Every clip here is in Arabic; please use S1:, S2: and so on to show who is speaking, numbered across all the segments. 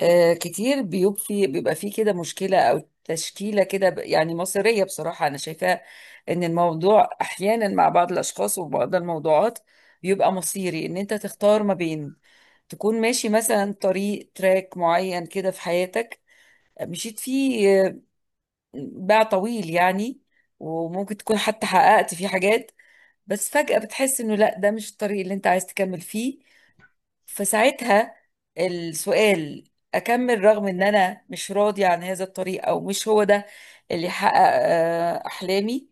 S1: كتير بيبقى في كده مشكلة أو تشكيلة كده يعني مصيرية، بصراحة أنا شايفاه إن الموضوع أحيانا مع بعض الأشخاص وبعض الموضوعات بيبقى مصيري، إن أنت تختار ما بين تكون ماشي مثلا طريق تراك معين كده في حياتك مشيت فيه باع طويل يعني. وممكن تكون حتى حققت فيه حاجات، بس فجأة بتحس إنه لأ، ده مش الطريق اللي أنت عايز تكمل فيه، فساعتها السؤال: اكمل رغم ان انا مش راضي عن هذا الطريق، او مش هو ده اللي يحقق احلامي؟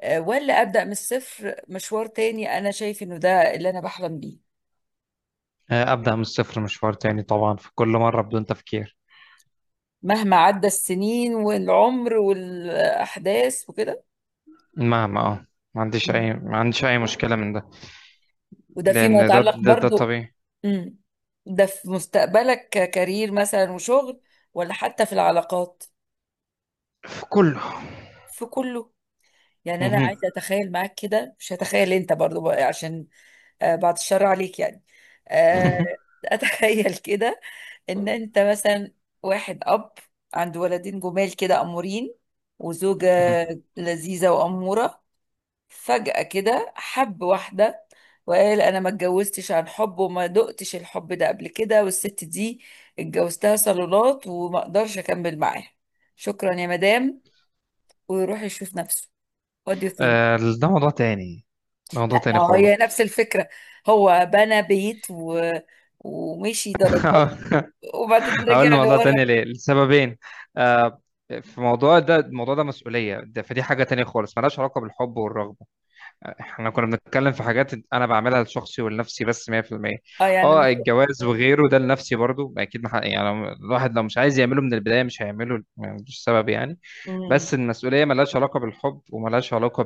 S1: ولا ابدا من الصفر مشوار تاني انا شايف انه ده اللي انا بحلم بيه؟
S2: آه، أبدأ من الصفر مشوار تاني طبعا في كل مرة بدون تفكير.
S1: مهما عدى السنين والعمر والاحداث وكده.
S2: مهما ما عنديش
S1: مم.
S2: أي مشكلة من ده.
S1: وده فيما
S2: لأن
S1: يتعلق
S2: ده
S1: برضو.
S2: طبيعي.
S1: مم. ده في مستقبلك ككارير مثلا وشغل، ولا حتى في العلاقات،
S2: في كله.
S1: في كله. يعني انا
S2: مهم.
S1: عايزه اتخيل معاك كده، مش هتخيل انت برضو بقى، عشان بعد الشر عليك يعني. آه، اتخيل كده، ان انت مثلا واحد اب، عنده ولدين جمال كده امورين، وزوجة
S2: مهم.
S1: لذيذة وأمورة، فجأة كده حب واحدة، وقال: أنا ما اتجوزتش عن حب، وما دقتش الحب ده قبل كده، والست دي اتجوزتها صالونات، وما اقدرش أكمل معاها، شكرا يا مدام، ويروح يشوف نفسه. What do you think؟
S2: آه، ده موضوع تاني. ده موضوع
S1: لا، ما
S2: تاني
S1: هو هي
S2: خالص.
S1: نفس الفكرة، هو بنى بيت ومشي درجات، وبعدين
S2: هقول
S1: رجع
S2: موضوع
S1: لورا.
S2: تاني ليه لسببين. آه، في موضوع ده الموضوع ده مسؤولية، ده فدي حاجة تانية خالص ملهاش علاقة بالحب والرغبة. احنا كنا بنتكلم في حاجات انا بعملها لشخصي ولنفسي بس 100%.
S1: اه يعني
S2: اه
S1: مش...
S2: الجواز وغيره ده لنفسي برضو اكيد، ما حد- يعني الواحد لو مش عايز يعمله من البدايه مش هيعمله، مش سبب يعني.
S1: مم.
S2: بس المسؤوليه ملهاش علاقه بالحب وملهاش علاقه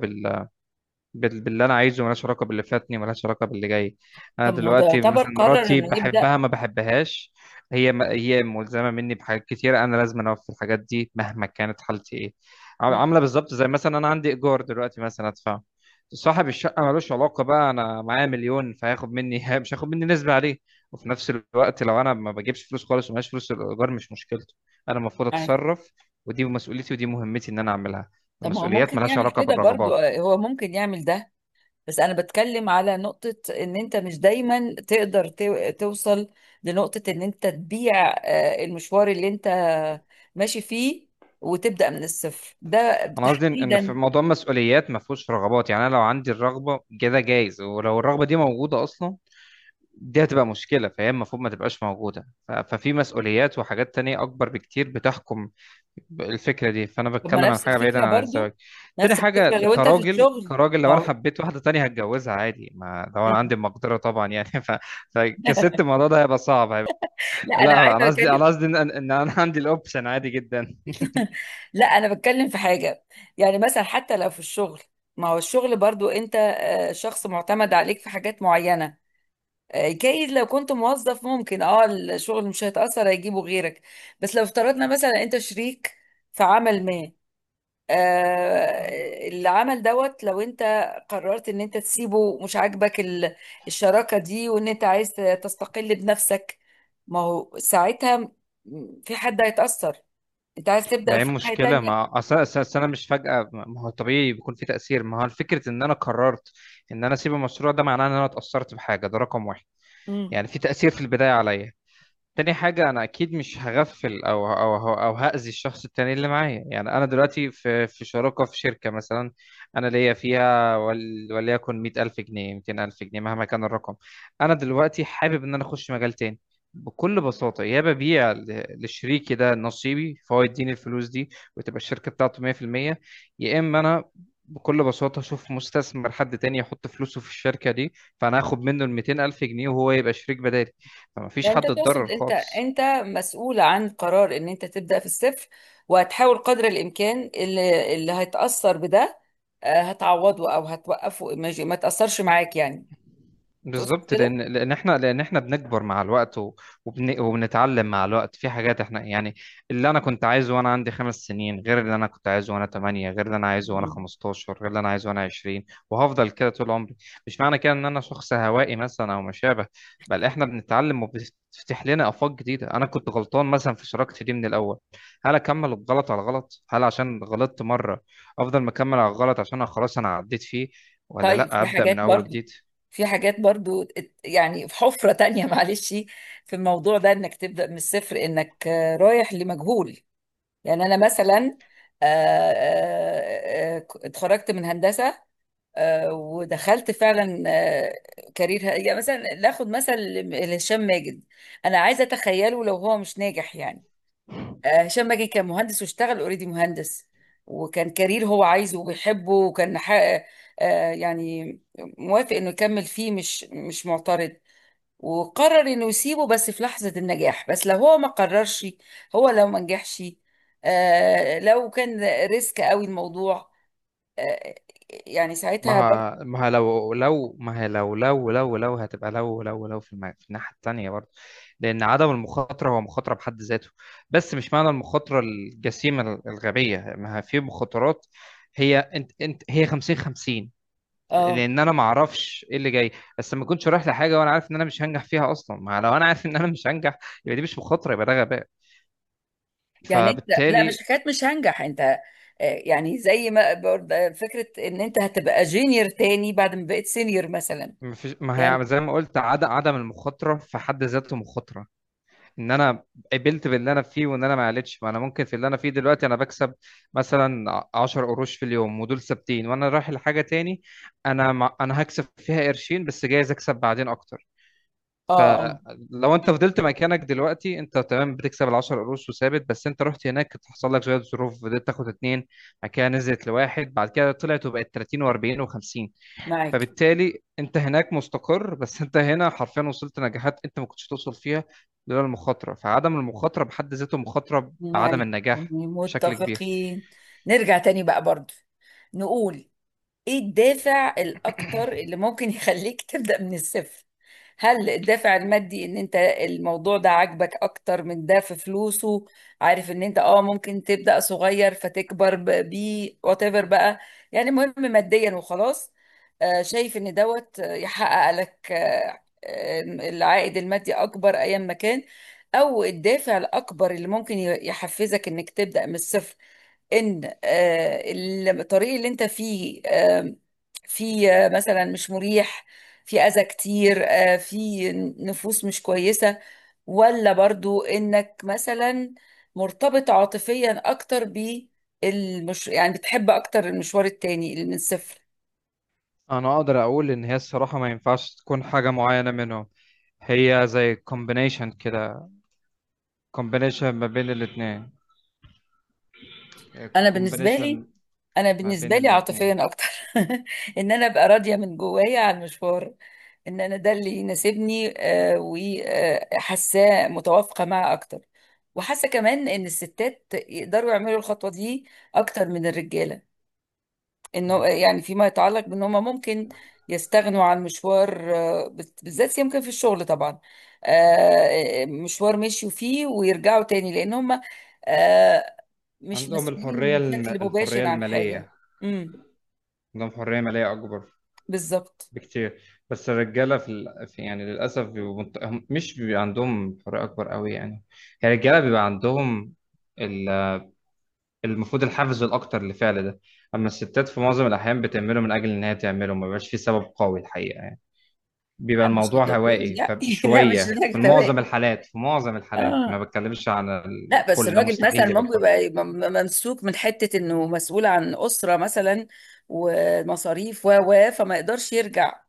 S2: باللي انا عايزه، ملهاش علاقه باللي فاتني، ملهاش علاقه باللي جاي. انا
S1: طب ما هو ده
S2: دلوقتي
S1: يعتبر
S2: مثلا
S1: قرر
S2: مراتي
S1: انه يبدأ.
S2: بحبها ما بحبهاش. هي ملزمه مني بحاجات كتير، انا لازم اوفي الحاجات دي مهما كانت حالتي ايه.
S1: مم.
S2: عامله بالظبط زي مثلا انا عندي ايجار دلوقتي مثلا ادفعه. صاحب الشقه ملوش علاقه بقى انا معايا مليون فهياخد مني مش هياخد مني نسبه عليه. وفي نفس الوقت لو انا ما بجيبش فلوس خالص ومعيش فلوس، الايجار مش مشكلته، انا المفروض
S1: آه.
S2: اتصرف. ودي مسؤوليتي ودي مهمتي ان انا اعملها.
S1: طب ما هو
S2: المسؤوليات
S1: ممكن
S2: ملهاش
S1: يعمل
S2: علاقه
S1: كده برضو،
S2: بالرغبات.
S1: هو ممكن يعمل ده. بس انا بتكلم على نقطة، ان انت مش دايما تقدر توصل لنقطة ان انت تبيع المشوار اللي انت ماشي فيه، وتبدأ من الصفر ده
S2: انا قصدي ان إن في
S1: تحديدا.
S2: موضوع المسؤوليات ما فيهوش رغبات. يعني انا لو عندي الرغبه كده جايز، ولو الرغبه دي موجوده اصلا دي هتبقى مشكله، فهي المفروض ما تبقاش موجوده. ففي مسؤوليات وحاجات تانية اكبر بكتير بتحكم الفكره دي، فانا
S1: طب ما
S2: بتكلم عن
S1: نفس
S2: حاجه بعيدا
S1: الفكرة
S2: عن الزواج.
S1: برضو،
S2: تاني
S1: نفس الفكرة
S2: حاجه
S1: لو انت في
S2: كراجل،
S1: الشغل،
S2: كراجل لو انا
S1: لو
S2: حبيت واحده تانية هتجوزها عادي، ما لو انا عندي
S1: مم.
S2: المقدره طبعا يعني. فكست الموضوع ده هيبقى صعب، هيبقى فيه مشكله. لا انا قصدي، انا قصدي ان إن إن انا عندي الاوبشن عادي جدا.
S1: لا، انا بتكلم في حاجة، يعني مثلا حتى لو في الشغل، ما هو الشغل برضو انت شخص معتمد عليك في حاجات معينة. جايز لو كنت موظف، ممكن اه الشغل مش هيتأثر، هيجيبه غيرك. بس لو افترضنا مثلا انت شريك في عمل ما، العمل دوت، لو انت قررت ان انت تسيبه مش عاجبك الشراكة دي، وان انت عايز تستقل بنفسك، ما هو ساعتها في حد هيتأثر، انت عايز
S2: ما
S1: تبدأ
S2: هي
S1: في حاجة
S2: مشكلة،
S1: تانية.
S2: ما أصل أنا مش فجأة، ما هو طبيعي بيكون في تأثير. ما هو الفكرة إن أنا قررت إن أنا أسيب المشروع ده معناه إن أنا اتأثرت بحاجة، ده رقم واحد.
S1: مم.
S2: يعني في تأثير في البداية عليا. تاني حاجة أنا أكيد مش هغفل أو هأذي الشخص التاني اللي معايا. يعني أنا دلوقتي في شراكة في شركة مثلا. أنا ليا فيها وليكن 100 ألف جنيه، 200 ألف جنيه، مهما كان الرقم. أنا دلوقتي حابب إن أنا أخش مجال تاني. بكل بساطة يا ببيع لشريكي ده نصيبي فهو يديني الفلوس دي وتبقى الشركة بتاعته 100%. يا إما أنا بكل بساطة أشوف مستثمر، حد تاني يحط فلوسه في الشركة دي، فأنا هاخد منه ال 200 ألف جنيه وهو يبقى شريك بدالي. فما فيش
S1: يعني انت
S2: حد اتضرر
S1: تقصد انت
S2: خالص.
S1: مسؤول عن قرار ان انت تبدأ في الصفر، وهتحاول قدر الامكان اللي هيتأثر بده هتعوضه او هتوقفه، ما تأثرش معاك يعني، تقصد
S2: بالظبط،
S1: كده؟
S2: لان احنا بنكبر مع الوقت وبنتعلم مع الوقت في حاجات. احنا يعني اللي انا كنت عايزه وانا عندي 5 سنين غير اللي انا كنت عايزه وانا 8، غير اللي انا عايزه وانا 15، غير اللي انا عايزه وانا 20. وهفضل كده طول عمري. مش معنى كده ان انا شخص هوائي مثلا او ما شابه، بل احنا بنتعلم وبتفتح لنا افاق جديده. انا كنت غلطان مثلا في شراكتي دي من الاول، هل اكمل الغلط على غلط؟ هل عشان غلطت مره افضل مكمل على الغلط عشان أنا خلاص انا عديت فيه، ولا
S1: طيب
S2: لا
S1: في
S2: ابدا من
S1: حاجات
S2: اول
S1: برضو
S2: وجديد.
S1: في حاجات برضو يعني في حفرة تانية معلش. في الموضوع ده انك تبدأ من الصفر، انك رايح لمجهول. يعني انا مثلا آه، اتخرجت من هندسة، ودخلت فعلا كارير، يعني مثلا ناخد مثل هشام ماجد. انا عايزة اتخيله لو هو مش ناجح يعني. هشام ماجد كان مهندس، واشتغل اوريدي مهندس، وكان كارير هو عايزه وبيحبه، وكان يعني موافق انه يكمل فيه، مش معترض. وقرر انه يسيبه بس في لحظة النجاح، بس لو هو ما قررش، هو لو ما نجحش، لو كان ريسك قوي الموضوع، آه، يعني
S2: ما
S1: ساعتها برضه.
S2: ه- ما ه- لو لو ما هي لو لو لو لو هتبقى لو لو في الناحية التانية برضه. لأن عدم المخاطرة هو مخاطرة بحد ذاته. بس مش معنى المخاطرة الجسيمة الغبية، ما هي في مخاطرات. هي انت، هي 50 50.
S1: اه،
S2: لأن أنا ما أعرفش إيه اللي جاي، بس ما كنتش رايح لحاجة وأنا عارف إن أنا مش هنجح فيها أصلا. ما لو أنا عارف إن أنا مش هنجح يبقى دي مش مخاطرة، يبقى ده غباء.
S1: يعني انت لا، مش
S2: فبالتالي،
S1: حكايه مش هنجح انت، يعني زي ما برضه فكره ان انت هتبقى جونيور تاني بعد ما بقيت سينيور مثلا.
S2: ما فيش، ما
S1: يعني
S2: هي زي ما قلت، عدم المخاطرة في حد ذاته مخاطرة. ان انا قبلت باللي انا فيه وان انا ما قلتش. ما انا ممكن في اللي انا فيه دلوقتي انا بكسب مثلا 10 قروش في اليوم ودول ثابتين، وانا رايح لحاجه تاني. انا مع... انا هكسب فيها قرشين، بس جايز اكسب بعدين اكتر.
S1: اه، اه،
S2: فلو انت فضلت مكانك دلوقتي انت تمام بتكسب ال 10 قروش وثابت، بس انت رحت هناك حصل لك شويه ظروف فضلت تاخد اتنين، بعد كده نزلت لواحد، بعد كده طلعت وبقت 30 و40 و50.
S1: معاك،
S2: فبالتالي انت هناك مستقر، بس انت هنا حرفيا وصلت نجاحات انت ما كنتش توصل فيها لولا المخاطره. فعدم المخاطره بحد ذاته مخاطره بعدم
S1: معاك،
S2: النجاح بشكل كبير.
S1: متفقين. نرجع تاني بقى برضو، نقول ايه الدافع الاكتر اللي ممكن يخليك تبدأ من الصفر؟ هل الدافع المادي، ان انت الموضوع ده عاجبك اكتر من ده، في فلوسه، عارف ان انت اه ممكن تبدأ صغير فتكبر بيه، وات ايفر بقى، يعني مهم ماديا وخلاص؟ شايف ان دوت يحقق لك العائد المادي اكبر ايام ما كان. او الدافع الاكبر اللي ممكن يحفزك انك تبدأ من الصفر، ان الطريق اللي انت فيه فيه مثلا مش مريح، فيه اذى كتير، فيه نفوس مش كويسة. ولا برضو انك مثلا مرتبط عاطفيا اكتر بالمش، يعني بتحب اكتر المشوار التاني اللي من الصفر.
S2: انا اقدر اقول ان هي الصراحه ما ينفعش تكون حاجه معينه منهم. هي زي كومبينيشن كده، كومبينيشن ما بين الاثنين.
S1: انا بالنسبة لي
S2: كومبينيشن
S1: انا
S2: ما بين
S1: بالنسبة لي
S2: الاثنين
S1: عاطفيا اكتر ان انا ابقى راضية من جوايا عن المشوار، ان انا ده اللي يناسبني، وحاساه متوافقه معاه اكتر. وحاسه كمان ان الستات يقدروا يعملوا الخطوه دي اكتر من الرجاله، انه يعني فيما يتعلق بان هم ممكن يستغنوا عن مشوار بالذات يمكن في الشغل طبعا، مشوار مشيوا فيه ويرجعوا تاني، لان هم آه، مش
S2: عندهم
S1: مسؤولين
S2: الحريه،
S1: بشكل
S2: الحريه
S1: مباشر عن حاجه.
S2: الماليه.
S1: امم
S2: عندهم حريه ماليه اكبر
S1: بالظبط.
S2: بكتير. بس الرجاله في يعني للاسف مش بيبقى عندهم حريه اكبر قوي يعني. يعني الرجاله بيبقى عندهم ال... المفروض الحافز الاكتر لفعل ده. اما الستات في معظم الاحيان بتعمله من اجل ان هي تعمله، ما بيبقاش في سبب قوي الحقيقه يعني. بيبقى
S1: لا، مش
S2: الموضوع
S1: للدرجه دي
S2: هوائي
S1: يعني لا
S2: فشويه
S1: مش لدرجه
S2: في معظم
S1: توائم.
S2: الحالات. في معظم الحالات، ما
S1: اه.
S2: بتكلمش عن
S1: لا، بس
S2: الكل، ده
S1: الراجل مثلا
S2: مستحيل يبقى
S1: ممكن
S2: الكل.
S1: يبقى ممسوك من حتة انه مسؤول عن أسرة مثلا، ومصاريف و، فما يقدرش يرجع،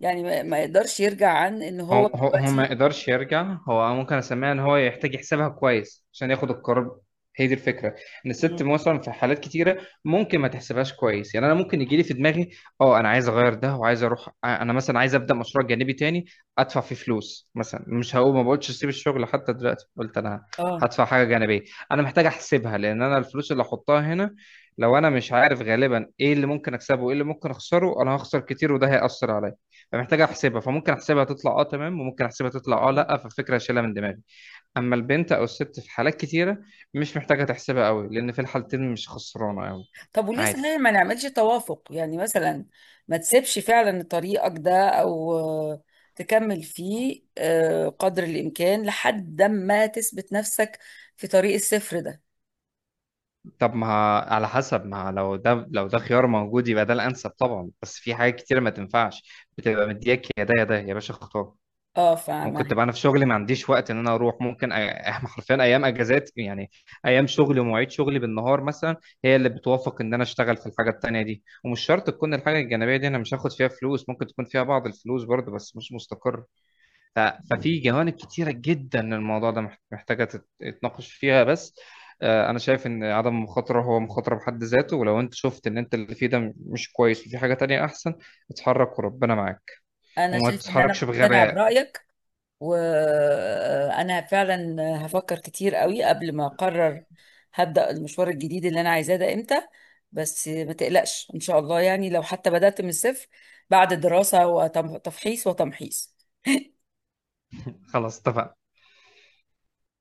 S1: يعني ما يقدرش يرجع عن ان
S2: هو
S1: هو
S2: هو هو ما
S1: دلوقتي.
S2: يقدرش يرجع. هو ممكن اسميها ان هو يحتاج يحسبها كويس عشان ياخد القرار. هي دي الفكره. ان
S1: مم.
S2: الست مثلا في حالات كتيره ممكن ما تحسبهاش كويس. يعني انا ممكن يجي لي في دماغي اه انا عايز اغير ده وعايز اروح، آه، انا مثلا عايز ابدا مشروع جانبي تاني ادفع فيه فلوس مثلا. مش هقول، ما بقولش اسيب الشغل حتى دلوقتي. قلت انا
S1: اه.
S2: هدفع حاجه جانبيه. انا محتاج احسبها لان انا الفلوس اللي احطها هنا لو انا مش عارف غالبا ايه اللي ممكن اكسبه وايه اللي ممكن اخسره انا هخسر كتير وده هيأثر عليا. فمحتاج احسبها، فممكن احسبها تطلع اه تمام، وممكن احسبها تطلع اه
S1: مم.
S2: لا فالفكره اشيلها من دماغي. اما البنت او الست في حالات كتيره مش محتاجه تحسبها قوي لان في الحالتين مش خسرانه قوي.
S1: طب وليه
S2: عادي.
S1: صحيح ما نعملش توافق؟ يعني مثلا، ما تسيبش فعلا طريقك ده، او تكمل فيه قدر الامكان لحد ما تثبت نفسك في طريق الصفر ده.
S2: طب ما على حسب، ما لو ده لو ده خيار موجود يبقى ده الانسب طبعا، بس في حاجات كتيره ما تنفعش. بتبقى مدياك يا ده يا ده، يا باشا اختار.
S1: اه،
S2: ممكن
S1: فاهمة.
S2: تبقى انا في شغلي ما عنديش وقت ان انا اروح. ممكن احنا حرفيا ايام اجازات يعني، ايام شغلي ومواعيد شغلي بالنهار مثلا هي اللي بتوافق ان انا اشتغل في الحاجه التانيه دي. ومش شرط تكون الحاجه الجانبيه دي انا مش هاخد فيها فلوس، ممكن تكون فيها بعض الفلوس برضه بس مش مستقر. ففي جوانب كتيره جدا الموضوع ده محتاجه تتناقش فيها. بس آه، انا شايف ان عدم المخاطره هو مخاطره بحد ذاته، ولو انت شفت ان انت اللي فيه ده مش كويس وفي حاجه تانية احسن اتحرك وربنا معاك،
S1: انا
S2: وما
S1: شايفه ان انا
S2: تتحركش
S1: مقتنعه
S2: بغباء.
S1: برايك، وانا فعلا هفكر كتير قوي قبل ما اقرر هبدأ المشوار الجديد اللي انا عايزاه ده امتى، بس ما تقلقش ان شاء الله، يعني لو حتى بدأت من الصفر، بعد دراسة وتفحيص وتمحيص.
S2: خلاص اتفقنا.